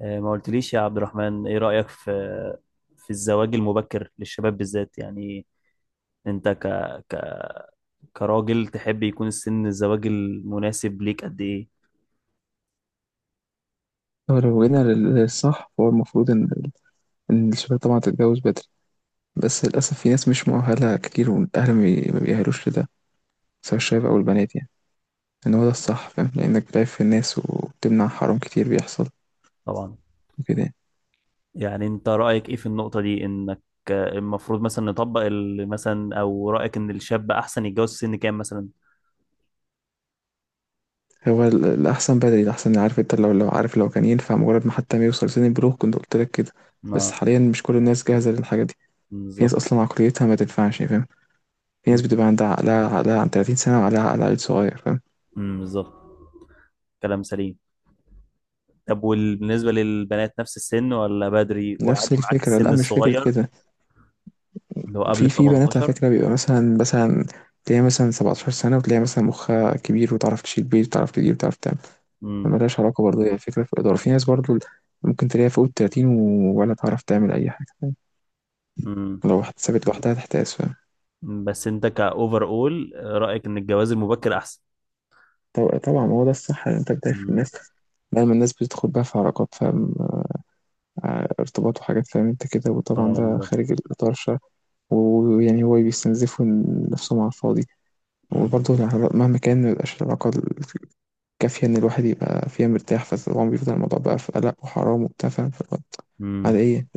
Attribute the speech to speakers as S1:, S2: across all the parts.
S1: ما قلتليش يا عبد الرحمن ايه رأيك في الزواج المبكر للشباب بالذات؟ يعني انت ك... كراجل تحب يكون السن الزواج المناسب ليك قد ايه؟
S2: هو لو جينا للصح، فهو المفروض إن الشباب طبعا تتجوز بدري. بس للأسف في ناس مش مؤهلة كتير، والأهل ما بيأهلوش لده، سواء الشباب أو البنات، يعني إن هو ده الصح، فاهم؟ لأنك بتعرف في الناس، وبتمنع حرام كتير بيحصل
S1: طبعا.
S2: وكده يعني.
S1: يعني انت رأيك ايه في النقطة دي، انك المفروض مثلا نطبق مثلا، او رأيك ان الشاب احسن يتجوز في سن كام مثلا؟
S2: هو الأحسن بدري، الأحسن، عارف أنت؟ لو عارف، لو كان ينفع مجرد ما حتى ما يوصل سن البلوغ كنت قلت لك كده. بس
S1: ما
S2: حاليا مش كل الناس جاهزة للحاجة دي. في ناس
S1: بالظبط.
S2: أصلا عقليتها ما تنفعش يعني، فاهم؟ في ناس
S1: م-
S2: بتبقى عندها عقلها عن 30 سنة وعقلها عقل عيل صغير، فاهم؟
S1: بالظبط، كلام سليم. طب وبالنسبة للبنات نفس السن، ولا بدري
S2: نفس
S1: وعادي معاك
S2: الفكرة، لا
S1: السن
S2: مش فكرة
S1: الصغير
S2: كده.
S1: اللي هو قبل
S2: في
S1: ال
S2: في بنات على
S1: 18؟
S2: فكرة بيبقى مثلا تلاقيها مثلا 17 سنة، وتلاقيها مثلا مخها كبير، وتعرف تشيل بيت، وتعرف تدير، وتعرف تعمل. ملهاش علاقة، برضه هي فكرة في الإدارة. في ناس برضه ممكن تلاقيها فوق التلاتين ولا تعرف تعمل أي حاجة، فاهم؟
S1: امم.
S2: لو اتسابت لوحدها تحتاس، فاهم؟
S1: مم. بس انت كاوفر اول، رايك ان الجواز المبكر احسن؟
S2: طبعا هو ده الصح، إن أنت بتعرف
S1: امم.
S2: الناس. دايما الناس بتدخل بقى في علاقات، فاهم؟ ارتباط وحاجات، فاهم أنت كده،
S1: اه
S2: وطبعا ده
S1: بالظبط.
S2: خارج الإطار الشرعي. ويعني هو بيستنزفوا نفسهم على الفاضي. وبرضه
S1: امم.
S2: مهما كان مبيبقاش العلاقة كافية إن الواحد يبقى فيها مرتاح، فطبعا بيفضل الموضوع بقى في قلق وحرام وبتاع، فاهم؟ فاللي هو
S1: امم،
S2: على إيه،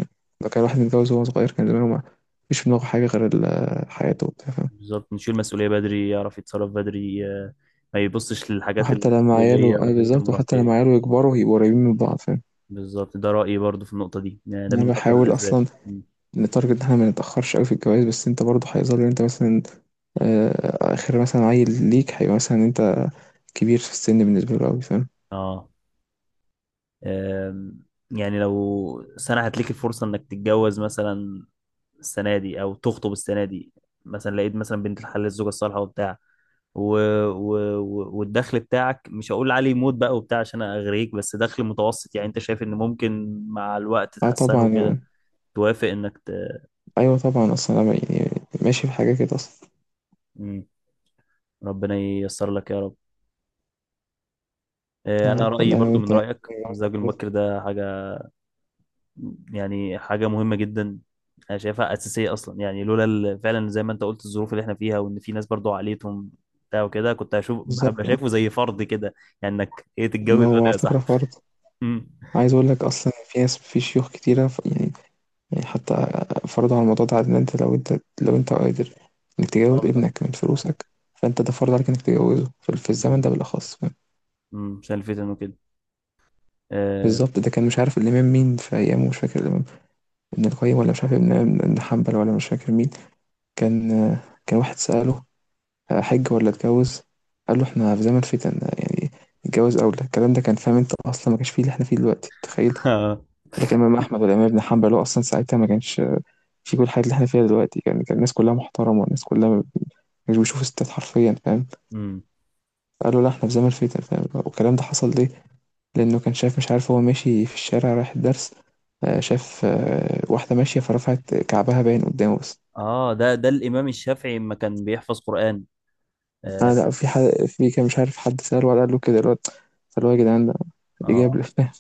S2: لو كان الواحد متجوز وهو صغير كان زمانه ما فيش في دماغه حاجة غير حياته وبتاع، فاهم؟
S1: بالظبط. نشيل مسؤوليه بدري، يعرف يتصرف بدري، ما يبصش للحاجات
S2: وحتى لما عياله،
S1: الطفوليه
S2: آه
S1: والحاجات
S2: بالظبط، وحتى
S1: المراهقيه
S2: لما
S1: دي.
S2: عياله يكبروا هيبقوا قريبين من بعض، فاهم؟
S1: بالظبط، ده رايي برضو في النقطه دي، يعني ده
S2: أنا
S1: من اكتر
S2: بحاول
S1: الاسباب.
S2: أصلا
S1: مم.
S2: نتارجت إن إحنا ما نتأخرش أوي في الجواز، بس أنت برضه هيظل أنت مثلا آخر مثلا عيل ليك هيبقى مثلا أنت كبير في السن بالنسبة له أوي، فاهم؟
S1: اه. آم، يعني لو سنه هتليك الفرصه انك تتجوز مثلا السنه دي، او تخطب السنه دي، مثلا لقيت مثلا بنت الحلال الزوجه الصالحه وبتاع و... والدخل بتاعك مش هقول عليه موت بقى وبتاع عشان اغريك، بس دخل متوسط، يعني انت شايف ان ممكن مع الوقت
S2: اه
S1: تحسنه
S2: طبعا.
S1: وكده، توافق
S2: أيوه طبعا، أصلا أنا يعني ماشي في حاجة كده أصلا.
S1: مم. ربنا ييسر لك يا رب. انا رايي
S2: والله لو
S1: برضو
S2: انت
S1: من
S2: محتاج
S1: رايك،
S2: جوازك
S1: الزواج
S2: كله.
S1: المبكر ده حاجه، يعني حاجة مهمة جدا. أنا شايفها أساسية أصلا، يعني لولا فعلا زي ما أنت قلت الظروف اللي إحنا فيها، وإن في ناس برضو عليتهم بتاع وكده، كنت هشوف هبقى
S2: بالظبط آه.
S1: شايفه زي فرض كده. يعني إنك، إيه، تتجوز
S2: هو
S1: بدري
S2: على
S1: يا
S2: فكرة
S1: صاحبي.
S2: فرض.
S1: أمم.
S2: عايز اقول لك اصلا في ناس، في شيوخ كتيرة يعني، يعني حتى فرضوا على الموضوع ده، ان انت لو انت قادر انك
S1: أه
S2: تجوز
S1: بالظبط.
S2: ابنك من فلوسك، فانت ده فرض عليك انك تجوزه في الزمن ده
S1: أمم.
S2: بالاخص، فاهم؟
S1: أمم، عشان الفتن وكده. آه.
S2: بالظبط، ده كان مش عارف الامام مين في ايامه، مش فاكر الامام ابن القيم ولا مش عارف ابن حنبل ولا مش فاكر مين، كان آه، كان واحد سأله هحج ولا اتجوز؟ قال له احنا في زمن فتن يعني، اتجوز اولى. الكلام ده كان، فاهم انت، اصلا ما كانش فيه اللي احنا فيه دلوقتي، تخيل. لكن امام احمد والامام ابن حنبل، هو اصلا ساعتها ما كانش في كل الحاجات اللي احنا فيها دلوقتي، كان الناس كلها محترمه، والناس كلها مش بيشوفوا ستات حرفيا، فاهم؟
S1: أمم.
S2: قالوا لا احنا في زمن فتن، فاهم؟ والكلام ده حصل ليه؟ لانه كان شايف، مش عارف، هو ماشي في الشارع رايح الدرس، شاف واحده ماشيه فرفعت كعبها باين قدامه بس.
S1: آه، ده ده الإمام الشافعي لما كان بيحفظ قرآن.
S2: انا
S1: آه.
S2: لا، في حد، في كان مش عارف حد سأله ولا قال له كده الواد، فاللي هو يا جدعان، ده ايه جاب لي؟
S1: آه.
S2: فاهم،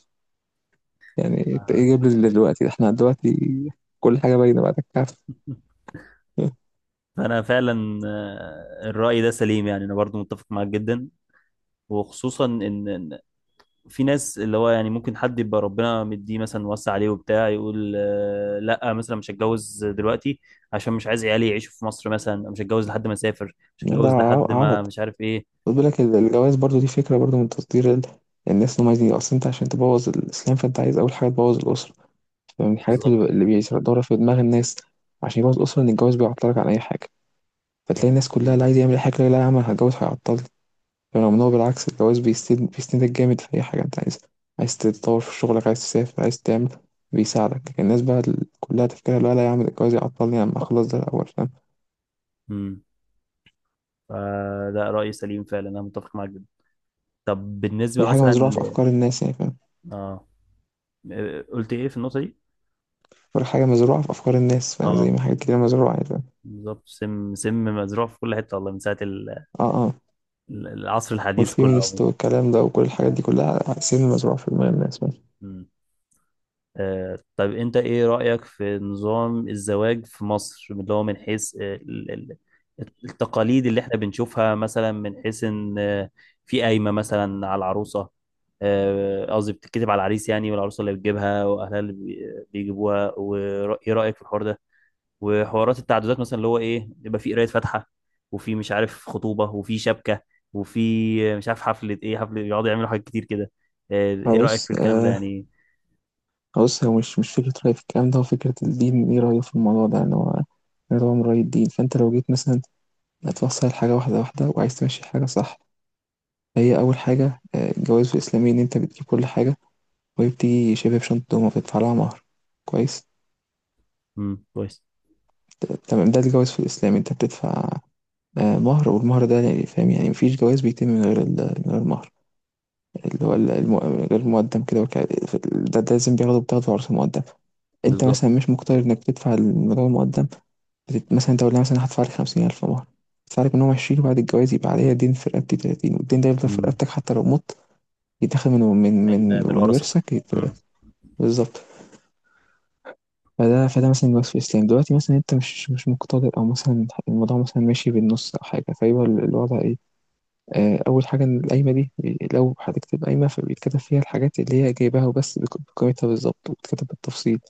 S2: يعني انت ايه
S1: آه.
S2: جايب لي دلوقتي؟ احنا دلوقتي كل حاجه باينه بعد الكعف.
S1: فأنا فعلا، الرأي ده سليم، يعني أنا برضو متفق معاك جدا. وخصوصا ان إن في ناس اللي هو يعني ممكن حد يبقى ربنا مديه مثلا وسع عليه وبتاع، يقول لا مثلا مش هتجوز دلوقتي عشان مش عايز عيالي يعيشوا في مصر، مثلا مش هتجوز لحد ما اسافر، مش
S2: ده
S1: هتجوز لحد ما
S2: عبط.
S1: مش عارف ايه.
S2: خد بالك الجواز برضو، دي فكره برضو من تطوير الناس اللي هم عايزين، اصل انت عشان تبوظ الاسلام فانت عايز اول حاجه تبوظ الاسره. فمن الحاجات
S1: بالظبط،
S2: اللي بيدور في دماغ الناس عشان يبوظ الاسره، ان الجواز بيعطلك عن اي حاجه، فتلاقي
S1: كلام
S2: الناس كلها
S1: سليم.
S2: لا عايز يعمل أي حاجه، لا لا يا عم، أنا هتجوز هيعطلني، رغم ان هو بالعكس، الجواز بيسندك جامد في اي حاجه انت عايزها، عايز تتطور في شغلك، عايز تسافر، عايز تعمل. بيساعدك. الناس بقى كلها تفكيرها لا لا يا عم، ده الجواز يعطلني، اما اخلص ده الاول، فاهم؟
S1: امم. فده رأي سليم فعلا، انا متفق معاك جدا. طب بالنسبة
S2: دي حاجه
S1: مثلا
S2: مزروعه في افكار الناس يعني، فاهم؟
S1: اه، قلت ايه في النقطة دي؟
S2: بقول لك حاجه مزروعه في افكار الناس، فاهم؟ زي
S1: اه،
S2: ما حاجات كتير مزروعه يعني، فاهم؟
S1: بالظبط. سم سم مزروع في كل حتة والله، من ساعة
S2: اه، اه.
S1: العصر الحديث كله
S2: والفيمينست
S1: عموما.
S2: والكلام ده وكل الحاجات
S1: اه.
S2: دي كلها سن مزروعه في دماغ الناس، فاهم؟
S1: مم. طب انت ايه رأيك في نظام الزواج في مصر، اللي هو من حيث التقاليد اللي احنا بنشوفها؟ مثلا من حيث ان في قايمة مثلا على العروسة، قصدي بتتكتب على العريس، يعني والعروسة اللي بتجيبها واهلها اللي بيجيبوها، وايه رأيك في الحوار ده؟ وحوارات التعدادات مثلا، اللي هو ايه، يبقى في قراية فاتحة، وفي مش عارف خطوبة، وفي شبكة، وفي مش عارف حفلة، ايه، حفلة يقعدوا يعملوا حاجات كتير كده.
S2: ما
S1: ايه رأيك في
S2: بص،
S1: الكلام ده
S2: آه،
S1: يعني؟
S2: بص، هو مش فكره رأي في الكلام ده، هو فكره الدين ايه رايه في الموضوع ده، ان هو انا طبعا من رأي الدين. فانت لو جيت مثلا هتوصل حاجة واحدة واحدة، وعايز تمشي حاجة صح. هي أول حاجة، الجواز الإسلامي إن أنت بتجيب كل حاجة وهي بتيجي شبه بشنطة، وما بتدفع لها مهر. كويس.
S1: كويس.
S2: تمام، ده الجواز في الإسلام، أنت بتدفع مهر، والمهر ده يعني فاهم؟ يعني مفيش جواز بيتم من غير من غير مهر، اللي هو غير المقدم كده، في ده لازم بتاخده عرض المقدم. انت
S1: بالظبط.
S2: مثلا مش مقتدر انك تدفع المبلغ المقدم، مثلا انت، قلنا مثلا هدفع لك 50,000 مهر، هدفع لك منهم عشرين، وبعد الجواز يبقى عليا دين في رقبتي تلاتين، والدين ده يفضل في
S1: مم.
S2: رقبتك حتى لو مت، يتاخد من من
S1: من
S2: من
S1: من
S2: من
S1: ورثة.
S2: ورثك،
S1: مم.
S2: بالظبط. فده مثلا الوصف في الإسلام. دلوقتي مثلا انت مش مقتدر، او مثلا الموضوع مثلا ماشي بالنص او حاجة، فيبقى الوضع إيه؟ أول حاجة إن القايمة دي، لو هتكتب قايمة، فبيتكتب فيها الحاجات اللي هي جايباها وبس، بقيمتها بالظبط، وبتكتب بالتفصيل.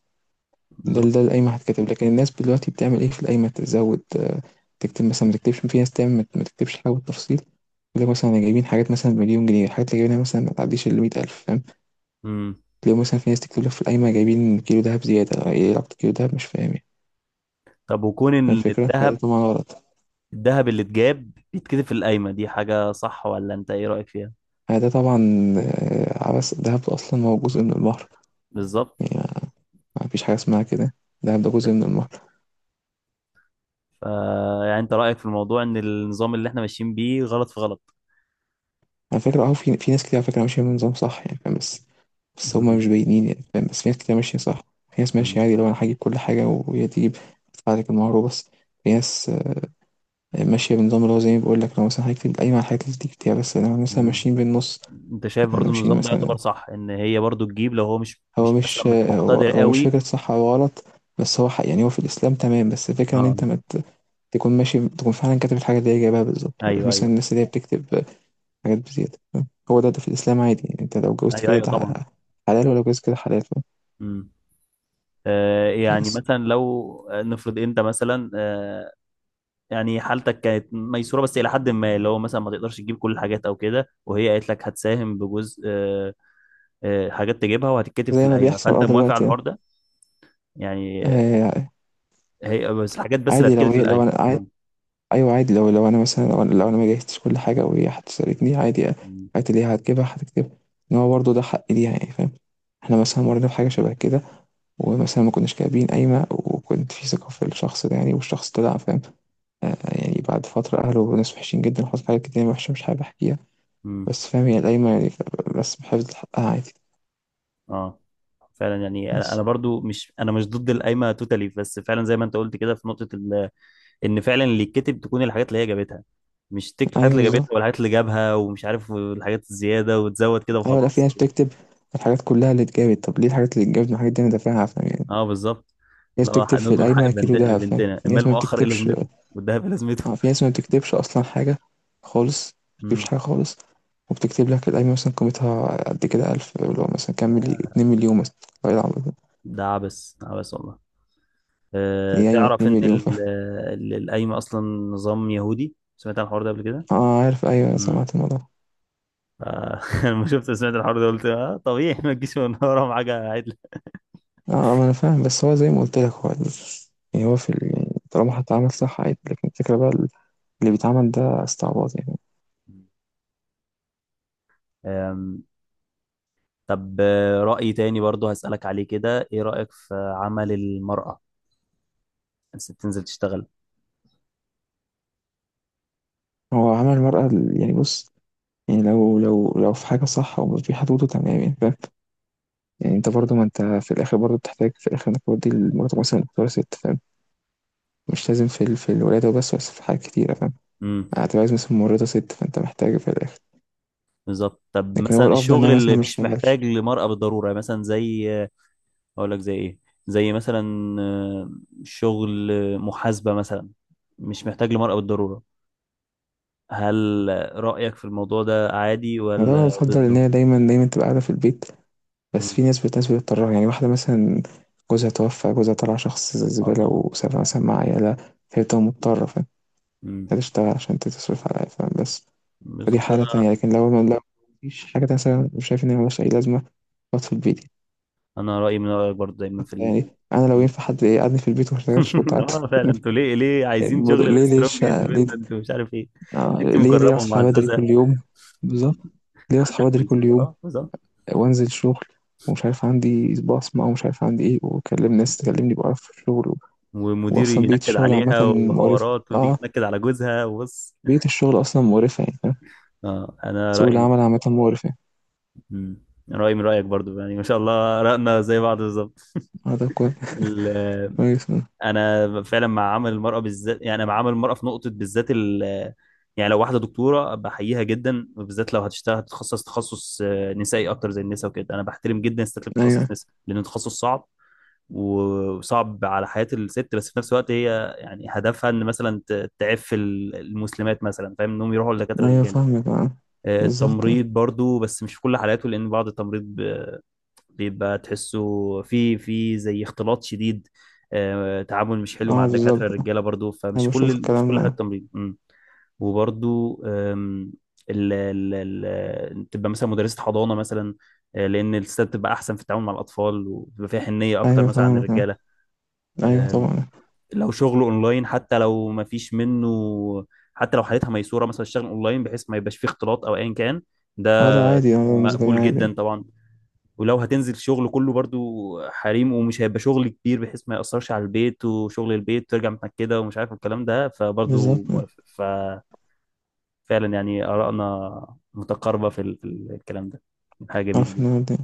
S2: ده
S1: بالظبط.
S2: ده القايمة هتكتب. لكن الناس دلوقتي بتعمل إيه في القايمة؟ تزود، تكتب مثلا ما تكتبش، في ناس تعمل ما تكتبش حاجة بالتفصيل، لو مثلا أنا جايبين حاجات مثلا مليون جنيه، الحاجات اللي جايبينها مثلا ما تعديش ال 100,000، فاهم؟
S1: مم.
S2: لو مثلا في ناس تكتب لك في القايمة جايبين كيلو دهب زيادة، إيه علاقة كيلو دهب؟ مش فاهم يعني،
S1: طب، وكون
S2: فاهم
S1: إن
S2: الفكرة؟ فده
S1: الذهب،
S2: طبعا غلط.
S1: الذهب اللي اتجاب بيتكتب في القايمة دي، حاجة صح ولا أنت إيه رأيك فيها؟
S2: فده طبعا عبث. الدهب أصلا هو جزء
S1: مم.
S2: من البحر،
S1: بالظبط.
S2: يعني مفيش حاجة اسمها كده، ده جزء من المهر.
S1: ف، يعني أنت رأيك في الموضوع إن النظام اللي إحنا ماشيين بيه غلط في غلط؟
S2: على فكرة اه، في ناس كتير على فكرة ماشية بنظام صح، يعني فاهم؟ بس، بس هما
S1: مم.
S2: مش باينين يعني، فاهم؟ بس في ناس كتير ماشية صح. في ناس ماشية
S1: مم.
S2: عادي، لو أنا هجيب كل حاجة وهي تجيب، أدفع لك المهر وبس. في ناس ماشية بنظام اللي هو، زي ما بقول لك، لو مثلا هيكتب القايمة على الحاجات اللي تكتبها، بس أنا مثلا
S1: مم.
S2: ماشيين بالنص.
S1: أنت شايف
S2: احنا
S1: برضو
S2: ماشيين
S1: النظام ده
S2: مثلا،
S1: يعتبر صح، إن هي برضو تجيب لو هو مش
S2: هو
S1: مش مثلا
S2: مش
S1: مش
S2: آه، هو
S1: مقتدر
S2: هو مش
S1: قوي؟
S2: فكرة صح أو غلط، بس هو حق يعني، هو في الإسلام تمام. بس الفكرة إن أنت
S1: أه.
S2: ما ت- تكون ماشي، تكون فعلا كاتب الحاجة اللي هي جايبها بالظبط، مش
S1: أيوه
S2: مثلا
S1: أيوه.
S2: الناس اللي هي بتكتب حاجات بزيادة، فاهم؟ هو ده في الإسلام عادي. يعني أنت لو جوزت
S1: أيوه
S2: كده
S1: أيوه
S2: ده
S1: طبعا.
S2: حلال، ولو جوزت كده حلال، فاهم؟
S1: مم. يعني
S2: بس
S1: مثلا لو، نفرض انت مثلا آه، يعني حالتك كانت ميسوره بس الى حد ما، اللي هو مثلا ما تقدرش تجيب كل الحاجات او كده، وهي قالت لك هتساهم بجزء، حاجات تجيبها وهتتكتب في
S2: زي ما
S1: القايمه،
S2: بيحصل
S1: فانت موافق على
S2: دلوقتي
S1: الحوار ده؟ يعني
S2: آه،
S1: هي بس الحاجات بس اللي
S2: عادي،
S1: هتتكتب في
S2: لو
S1: القايمه.
S2: أنا عادي. أيوه عادي، لو أنا مثلا، لو أنا ما جهزتش كل حاجة وهي هتسألتني عادي،
S1: مم،
S2: الحاجات اللي هي هتجيبها هتكتبها، إن هو برضه ده حق ليها، يعني فاهم؟ احنا مثلا مرينا بحاجة شبه كده، ومثلا ما كناش كاتبين قايمة، وكنت في ثقة في الشخص ده، يعني والشخص طلع فاهم، يعني بعد فترة أهله ناس وحشين جدا، وحصل حاجات كتير وحشة مش حابب أحكيها.
S1: مم.
S2: بس فاهم هي القايمة يعني، بس بحفظ حقها عادي.
S1: اه فعلا، يعني انا
S2: بس
S1: أنا برضو مش، انا مش ضد القايمه توتالي، بس فعلا زي ما انت قلت كده في نقطه ان فعلا اللي يتكتب تكون الحاجات اللي هي جابتها، مش تكتب الحاجات
S2: أيوه
S1: اللي
S2: بالظبط.
S1: جابتها والحاجات اللي جابها ومش عارف والحاجات الزياده، وتزود كده
S2: أيوه لا في
S1: وخلاص.
S2: ناس بتكتب الحاجات كلها اللي اتجابت. طب ليه الحاجات اللي اتجابت والحاجات دي أنا دافعها، فاهم يعني؟
S1: اه بالظبط.
S2: في ناس
S1: لو
S2: بتكتب في
S1: هنضمن حق
S2: القايمة كيلو دهب، فاهم؟
S1: بنتنا،
S2: في ناس
S1: المال
S2: ما
S1: مؤخر ايه
S2: بتكتبش.
S1: لازمته، والذهب ايه لازمته.
S2: اه، في ناس ما بتكتبش أصلا حاجة خالص، ما بتكتبش
S1: مم.
S2: حاجة خالص، وبتكتب لك القايمة مثلا قيمتها قد كده ألف، اللي هو مثلا كام، 2 مليون مثلا. والله العظيم.
S1: ده عبس عبس والله. أه،
S2: دي قايمة
S1: تعرف
S2: اتنين
S1: ان
S2: مليون فاهم؟
S1: القايمه اصلا نظام يهودي؟ سمعت عن الحوار ده قبل كده؟
S2: اه، عارف، أيوه
S1: امم.
S2: سمعت الموضوع.
S1: لما شفت سمعت الحوار ده قلت اه طبيعي، ما تجيش من وراهم حاجه عدله.
S2: اه ما انا فاهم، بس هو زي ما قلت لك هو يعني طالما هتتعامل صح عادي، لكن الفكرة بقى اللي بيتعمل ده استعباط يعني.
S1: أم، طب رأي تاني برضو هسألك عليه كده، ايه رأيك في عمل المرأة، الست تنزل تشتغل؟
S2: هو عمل المرأة يعني بص، يعني لو في حاجة صح ومش في حدوده تمام، يعني فاهم؟ يعني انت برضو، ما انت في الاخر برضو بتحتاج في الاخر انك تودي مراتك مثلا دكتورة ست، فاهم؟ مش لازم في في الولادة وبس، بس في حاجات كتيرة، فاهم؟ هتبقى عايز مثلا ممرضة ست، فانت محتاج في الاخر.
S1: بالظبط. طب
S2: لكن هو
S1: مثلا
S2: الافضل ان هي
S1: الشغل
S2: مثلا
S1: اللي
S2: ما
S1: مش
S2: تشتغلش.
S1: محتاج لمرأة بالضرورة، يعني مثلا زي، اقول لك زي ايه، زي مثلا آه، شغل محاسبة مثلا، مش محتاج لمرأة بالضرورة، هل رأيك في الموضوع ده عادي
S2: وده انا
S1: ولا
S2: بفضل ان
S1: ضده؟
S2: هي دايما دايما تبقى قاعدة في البيت. بس
S1: مم.
S2: في ناس، بتضطر يعني، واحدة مثلا جوزها توفى، جوزها طلع شخص
S1: اه
S2: زبالة
S1: طبعا.
S2: وسابها مثلا مع عيالها، فهي بتبقى مضطرة، فاهم؟
S1: مم.
S2: تشتغل عشان تصرف على العيال، فاهم؟ بس فدي
S1: بالظبط.
S2: حالة تانية.
S1: انا،
S2: لكن لو ما لو مفيش حاجة تانية مثلا، مش شايف إن هي ملهاش أي لازمة، أقعد في البيت.
S1: انا رأيي من رأيك برضه دايما
S2: يعني أنا
S1: في
S2: لو ينفع
S1: النقطة دي.
S2: حد يقعدني في البيت وما اشتغلش كنت قعدت في
S1: اه فعلا،
S2: البيت.
S1: انتوا ليه
S2: يعني
S1: عايزين شغل
S2: ليه
S1: السترونج
S2: الشقة؟ ليه
S1: اندبندنت ومش عارف ايه؟ انت
S2: ليه
S1: مكرمة
S2: أصحى بدري
S1: ومعززة.
S2: كل يوم؟ بالظبط. ليه
S1: حد
S2: اصحى
S1: في
S2: بدري كل
S1: ميسورة.
S2: يوم
S1: اه بالظبط.
S2: وانزل شغل ومش عارف عندي صباع اسمه ومش عارف عندي ايه، واكلم ناس تكلمني بقرف في الشغل.
S1: ومديري
S2: واصلا بيئه
S1: ينكد
S2: الشغل عامه
S1: عليها،
S2: مقرفه.
S1: وحوارات، وتيجي
S2: اه.
S1: تنكد على جوزها، وبص.
S2: بيئه الشغل اصلا مقرفه، يعني فاهم؟
S1: اه، انا
S2: سوق
S1: رايي من-
S2: العمل عامه مقرف يعني.
S1: مم. رايي من رايك برضو، يعني ما شاء الله راينا زي بعض بالظبط.
S2: اه ده كويس.
S1: ال-
S2: كويس آه.
S1: انا فعلا مع عمل المراه بالذات، يعني انا مع عمل المراه في نقطه بالذات يعني لو واحده دكتوره، بحييها جدا، وبالذات لو هتشتغل هتتخصص تخصص نسائي اكتر، زي النساء وكده. انا بحترم جدا الستات اللي
S2: ايوه،
S1: بتتخصص نساء، لان التخصص صعب، وصعب على حياة الست، بس في نفس الوقت هي يعني هدفها ان مثلا تعف المسلمات مثلا، فاهم، انهم يروحوا لدكاترة
S2: ايوه،
S1: الرجال.
S2: فاهمك اه. بالظبط اه.
S1: التمريض برضو، بس مش في كل حالاته، لان بعض التمريض بيبقى تحسه في زي اختلاط شديد، تعامل مش حلو مع
S2: آه،
S1: الدكاترة
S2: بالظبط آه.
S1: الرجالة برضو، فمش
S2: انا بشوف
S1: كل، مش
S2: الكلام
S1: كل حالة
S2: ده.
S1: تمريض. مم. وبرضو آم، ال ال ال تبقى مثلا مدرسة حضانة مثلا، لأن الستات بتبقى أحسن في التعامل مع الأطفال، وبتبقى فيها حنية أكتر
S2: ايوه
S1: مثلا عن
S2: فاهمك اه. ايوه
S1: الرجالة.
S2: طبعا.
S1: لو شغله اونلاين، حتى لو ما فيش منه، حتى لو حالتها ميسوره مثلا، الشغل اونلاين بحيث ما يبقاش فيه اختلاط او ايا كان، ده
S2: اه ده عادي، اه ده بالنسبه لي
S1: مقبول
S2: عادي.
S1: جدا طبعا. ولو هتنزل شغل كله برضو حريم، ومش هيبقى شغل كبير بحيث ما يأثرش على البيت وشغل البيت، ترجع متأكدة ومش عارف الكلام ده، فبرضو
S2: بالظبط آه.
S1: موافق. ففعلا يعني آرائنا متقاربة في الكلام ده، حاجة جميلة
S2: عارف ان
S1: جدا.
S2: هو ده